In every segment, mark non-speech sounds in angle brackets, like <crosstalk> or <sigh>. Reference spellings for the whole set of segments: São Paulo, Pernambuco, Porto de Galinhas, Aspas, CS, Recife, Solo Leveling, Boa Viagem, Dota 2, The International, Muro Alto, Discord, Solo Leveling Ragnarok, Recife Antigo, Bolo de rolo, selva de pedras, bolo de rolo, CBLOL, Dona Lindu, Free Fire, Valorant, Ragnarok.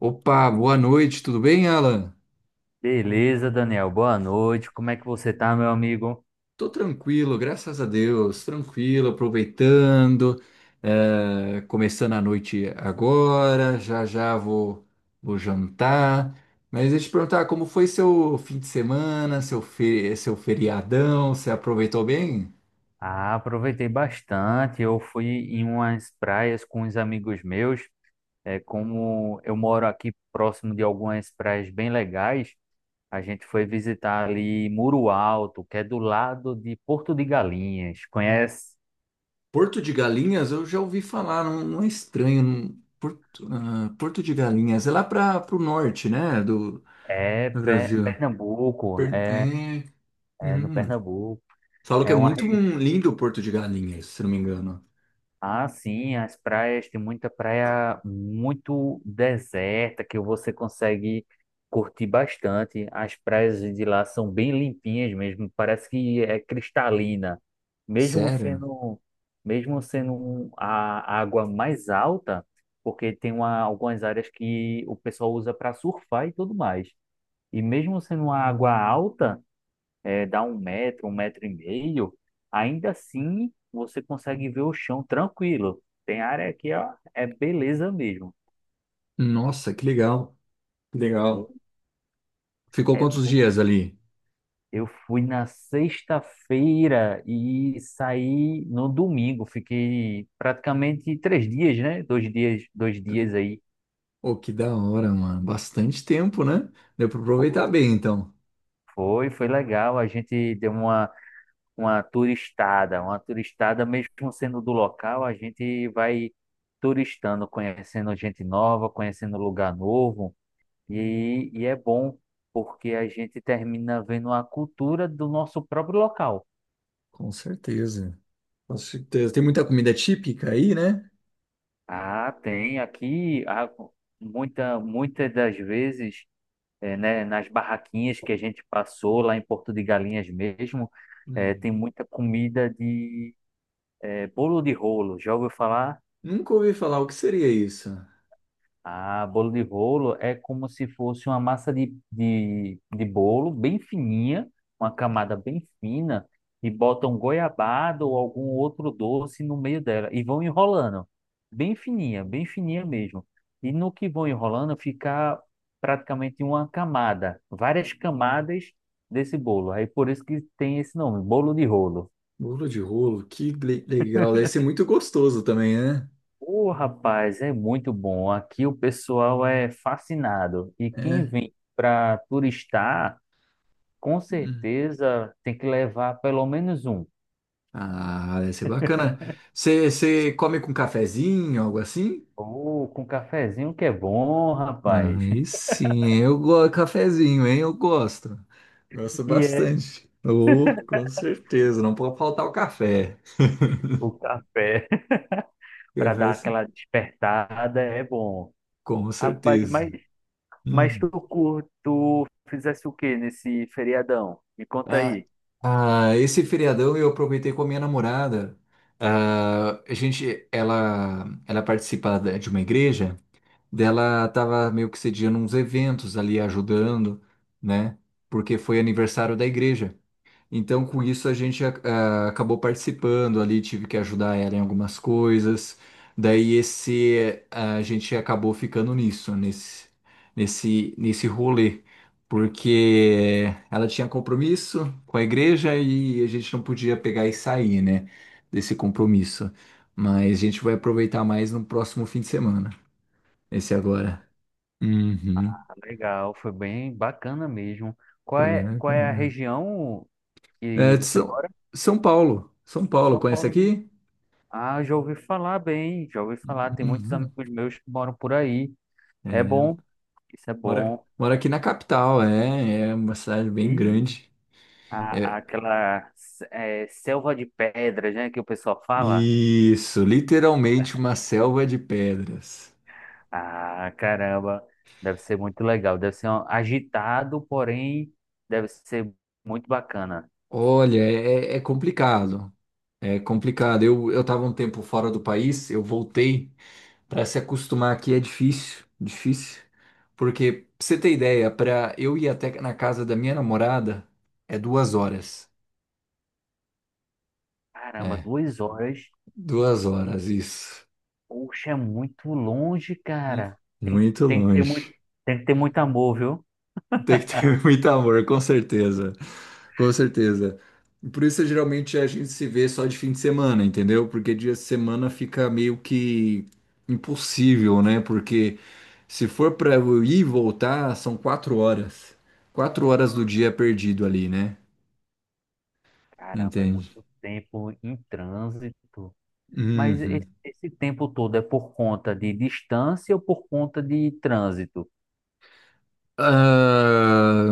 Opa, boa noite, tudo bem, Alan? Beleza, Daniel. Boa noite. Como é que você tá, meu amigo? Tô tranquilo, graças a Deus, tranquilo, aproveitando, começando a noite agora, já já vou, vou jantar. Mas deixa eu te perguntar, como foi seu fim de semana, seu feriadão, você aproveitou bem? Ah, aproveitei bastante. Eu fui em umas praias com uns amigos meus. É, como eu moro aqui próximo de algumas praias bem legais, a gente foi visitar ali Muro Alto, que é do lado de Porto de Galinhas. Conhece? Porto de Galinhas, eu já ouvi falar, não, não é estranho. Porto, ah, Porto de Galinhas, é lá para o norte, né, do Brasil. Pernambuco. É, É, é no uhum. Pernambuco. Falam que é É uma muito um lindo o Porto de Galinhas, se não me engano. Ah, sim, as praias, tem muita praia muito deserta que você consegue curtir bastante. As praias de lá são bem limpinhas mesmo, parece que é cristalina. Mesmo Sério? sendo, mesmo sendo a água mais alta, porque tem algumas áreas que o pessoal usa para surfar e tudo mais. E mesmo sendo uma água alta, dá 1 metro, 1 metro e meio, ainda assim você consegue ver o chão tranquilo. Tem área aqui, ó, é beleza mesmo. Nossa, que legal. Que legal. Ficou É quantos muito. dias ali? Eu fui na sexta-feira e saí no domingo. Fiquei praticamente 3 dias, né? 2 dias, 2 dias aí. Oh, que da hora, mano. Bastante tempo, né? Deu pra aproveitar Foi. bem, então. Foi legal. A gente deu uma turistada, uma turistada, mesmo sendo do local, a gente vai turistando, conhecendo gente nova, conhecendo lugar novo, e é bom porque a gente termina vendo a cultura do nosso próprio local. Com certeza. Com certeza. Tem muita comida típica aí, né? Ah, tem aqui, muitas das vezes, né, nas barraquinhas que a gente passou lá em Porto de Galinhas mesmo, Hum. tem muita comida de, bolo de rolo. Já ouviu falar? Nunca ouvi falar o que seria isso. Ah, bolo de rolo é como se fosse uma massa de bolo bem fininha, uma camada Hum. bem fina, e botam goiabada ou algum outro doce no meio dela e vão enrolando. Bem fininha mesmo. E no que vão enrolando fica praticamente uma camada, várias camadas desse bolo. Aí por isso que tem esse nome, bolo de rolo. Bolo de rolo, legal. Deve ser muito gostoso também, né? Ô, rapaz, é muito bom. Aqui o pessoal é fascinado. E quem É. vem para turistar, com Hum. certeza tem que levar pelo menos um. Ah, deve ser bacana. Você come com cafezinho, algo assim? Ou com cafezinho que é bom, rapaz. Aí <laughs> sim, eu gosto cafezinho, hein? Eu gosto. Gosto E é bastante. Oh, com certeza, não pode faltar o café. o café <laughs> para Café dar sim, aquela despertada, é bom. com Rapaz, certeza. mas Hum. Tu fizesse o que nesse feriadão? Me conta Ah, aí. ah, esse feriadão eu aproveitei com a minha namorada. Ah, a gente, ela participa de uma igreja, dela tava meio que sediando uns eventos ali, ajudando, né? Porque foi aniversário da igreja. Então, com isso, a gente ac- ah, acabou participando ali, tive que ajudar ela em algumas coisas. Daí, esse, a gente acabou ficando nisso, nesse rolê, porque ela tinha compromisso com a igreja e a gente não podia pegar e sair, né, desse compromisso. Mas a gente vai aproveitar mais no próximo fim de semana, esse agora. Uhum, Ah, legal, foi bem bacana mesmo. Qual foi bem é, qual é a bacana. região que É, você mora? São Paulo, São Paulo, São conhece Paulo. aqui? Ah, já ouvi falar bem, já ouvi falar. Tem muitos Uhum. amigos meus que moram por aí. É bom, É, isso é bom. moro aqui na capital, é, é uma cidade bem E grande. É, aquela é, selva de pedras, né, que o pessoal fala. isso, literalmente uma selva de pedras. Ah, caramba, deve ser muito legal. Deve ser agitado, porém, deve ser muito bacana. Olha, é, é complicado, é complicado. Eu estava um tempo fora do país, eu voltei. Para se acostumar aqui é difícil, difícil. Porque, pra você ter ideia, para eu ir até na casa da minha namorada é 2 horas. Caramba, É, 2 horas. duas horas, isso. Poxa, é muito longe, Hum. cara. Muito longe. Tem que ter muito amor, viu? Tem que ter <laughs> muito amor, com certeza. Com certeza. Por isso, geralmente, a gente se vê só de fim de semana, entendeu? Porque dia de semana fica meio que impossível, né? Porque se for pra eu ir e voltar, são 4 horas. Quatro horas do dia perdido ali, né? Caramba, é Entende? muito tempo em trânsito. Mas Uhum. esse tempo todo é por conta de distância ou por conta de trânsito? Ah,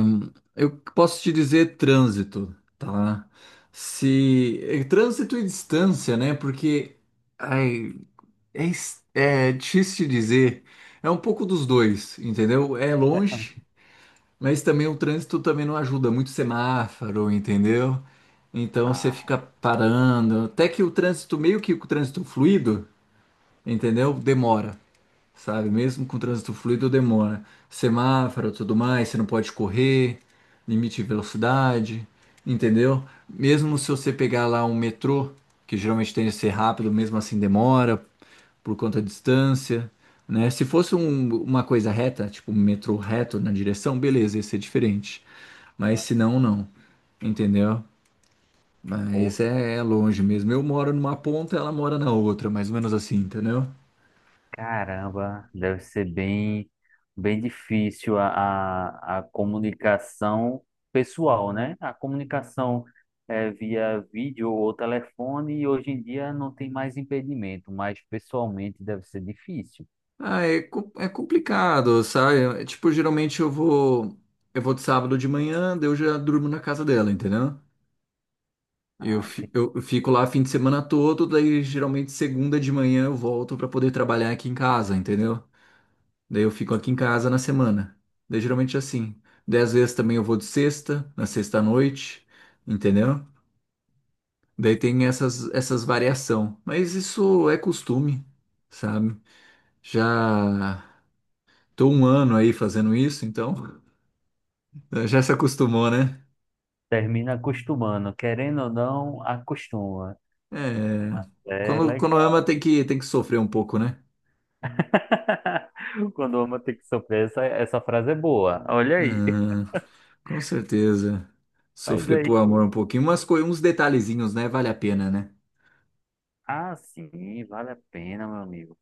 eu posso te dizer trânsito, tá? Se é trânsito e distância, né? Porque ai, é, é difícil de dizer. É um pouco dos dois, entendeu? É longe, mas também o trânsito também não ajuda. Muito semáforo, entendeu? Então você fica Ah, parando. Até que o trânsito, meio que o trânsito fluido, entendeu? Demora, sabe? Mesmo com o trânsito fluido, demora. Semáforo, tudo mais, você não pode correr, limite de velocidade, entendeu? Mesmo se você pegar lá um metrô, que geralmente tem que ser rápido, mesmo assim demora por conta da distância, né? Se fosse uma coisa reta, tipo um metrô reto na direção, beleza, ia ser diferente. Mas se mas, não, não. Entendeu? Mas poxa, é, é longe mesmo. Eu moro numa ponta, ela mora na outra, mais ou menos assim, entendeu? caramba, deve ser bem, bem difícil a comunicação pessoal, né? A comunicação via vídeo ou telefone, e hoje em dia não tem mais impedimento, mas pessoalmente deve ser difícil. Ah, é, é complicado, sabe? É, tipo, geralmente eu vou. Eu vou de sábado de manhã, daí eu já durmo na casa dela, entendeu? Eu, Ah, fi- entendi. Eu fico lá fim de semana todo, daí geralmente segunda de manhã eu volto pra poder trabalhar aqui em casa, entendeu? Daí eu fico aqui em casa na semana. Daí geralmente é assim. Daí às vezes também eu vou de sexta, na sexta à noite, entendeu? Daí tem essas variação. Mas isso é costume, sabe? Já tô 1 ano aí fazendo isso, então <laughs> já se acostumou, né? Termina acostumando, querendo ou não, acostuma. É. É quando legal. ama tem que sofrer um pouco, né? <laughs> Quando o homem tem que sofrer, essa frase é boa. Olha aí. Hum, com certeza. Mas Sofrer por aí, amor um pouquinho. Uns detalhezinhos, né? Vale a pena, né? Sim, vale a pena, meu amigo.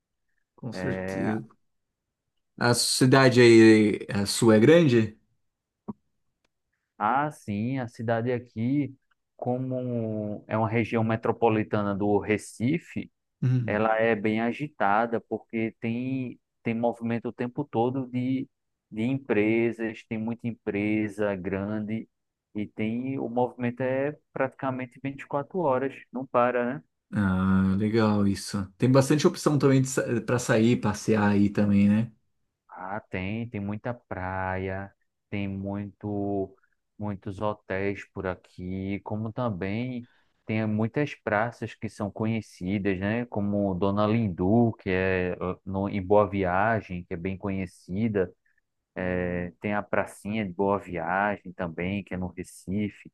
Com É, certeza. A cidade aí, a sua é grande? Sim, a cidade aqui, como é uma região metropolitana do Recife, Hum. ela é bem agitada, porque tem movimento o tempo todo de empresas, tem muita empresa grande, e tem, o movimento é praticamente 24 horas, não para, né? Ah, legal isso. Tem bastante opção também para sair, passear aí também, né? Ah, tem, muita praia, tem muitos hotéis por aqui, como também tem muitas praças que são conhecidas, né? Como Dona Lindu, que é eh, no, em Boa Viagem, que é bem conhecida. Tem a Pracinha de Boa Viagem também, que é no Recife.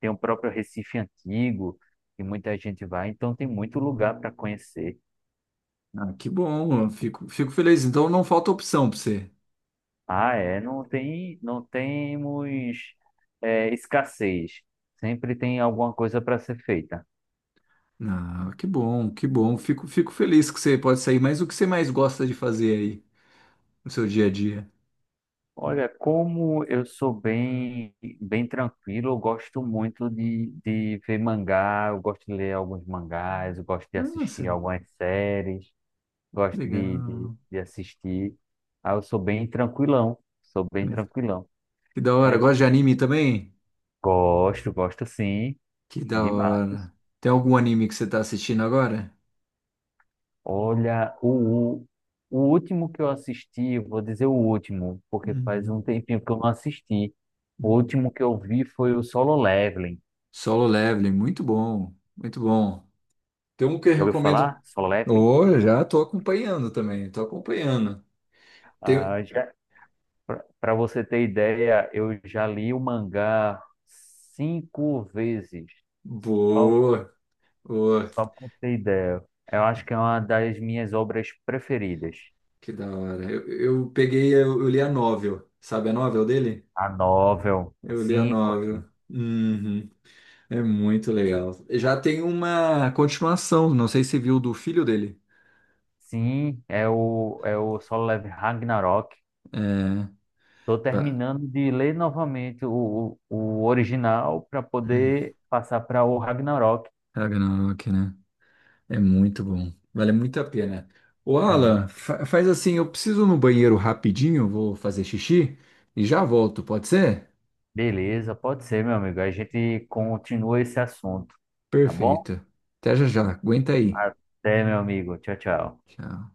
Tem o próprio Recife Antigo, que muita gente vai. Então tem muito lugar para conhecer. Ah, que bom, fico feliz. Então não falta opção para você. Ah, não temos escassez. Sempre tem alguma coisa para ser feita. Ah, que bom, que bom. Fico feliz que você pode sair. Mas o que você mais gosta de fazer aí no seu dia a dia? Olha, como eu sou bem, bem tranquilo, eu gosto muito de ver mangá, eu gosto de ler alguns mangás, eu gosto de Nossa, assistir algumas séries, que gosto de, de, legal. de assistir. Ah, eu sou bem tranquilão, sou bem tranquilão. Que da hora. É, Gosta de anime também? gosto, gosto sim, Que da demais. hora. Tem algum anime que você tá assistindo agora? Olha, o último que eu assisti, vou dizer o último, porque faz um Uhum. tempinho que eu não assisti. O último que eu vi foi o Solo Leveling. Solo Leveling, muito bom, muito bom. Tem um que eu Já ouviu recomendo. falar? Solo Leveling? Oh, já tô acompanhando também, tô acompanhando. Tem... Ah, já, para você ter ideia, eu já li o mangá 5 vezes. Só, Boa, boa, só para ter ideia. Eu acho que é uma das minhas obras preferidas. que da hora. Eu li a novel, sabe a novel dele? A novel, Eu li a sim, novel. conheço. Uhum. É muito legal. Já tem uma continuação, não sei se viu do filho dele. Sim, é o Solo Leveling Ragnarok. É. Estou Tá. terminando de ler novamente o original para Hum. poder passar para o Ragnarok. Ragnarok, né? É muito bom. Vale muito a pena. Ô, Sim, Alan, faz assim, eu preciso ir no banheiro rapidinho, vou fazer xixi e já volto, pode ser? beleza, pode ser, meu amigo. A gente continua esse assunto, tá bom? Perfeito. Até já já. Aguenta aí. Até, meu amigo. Tchau, tchau. Tchau.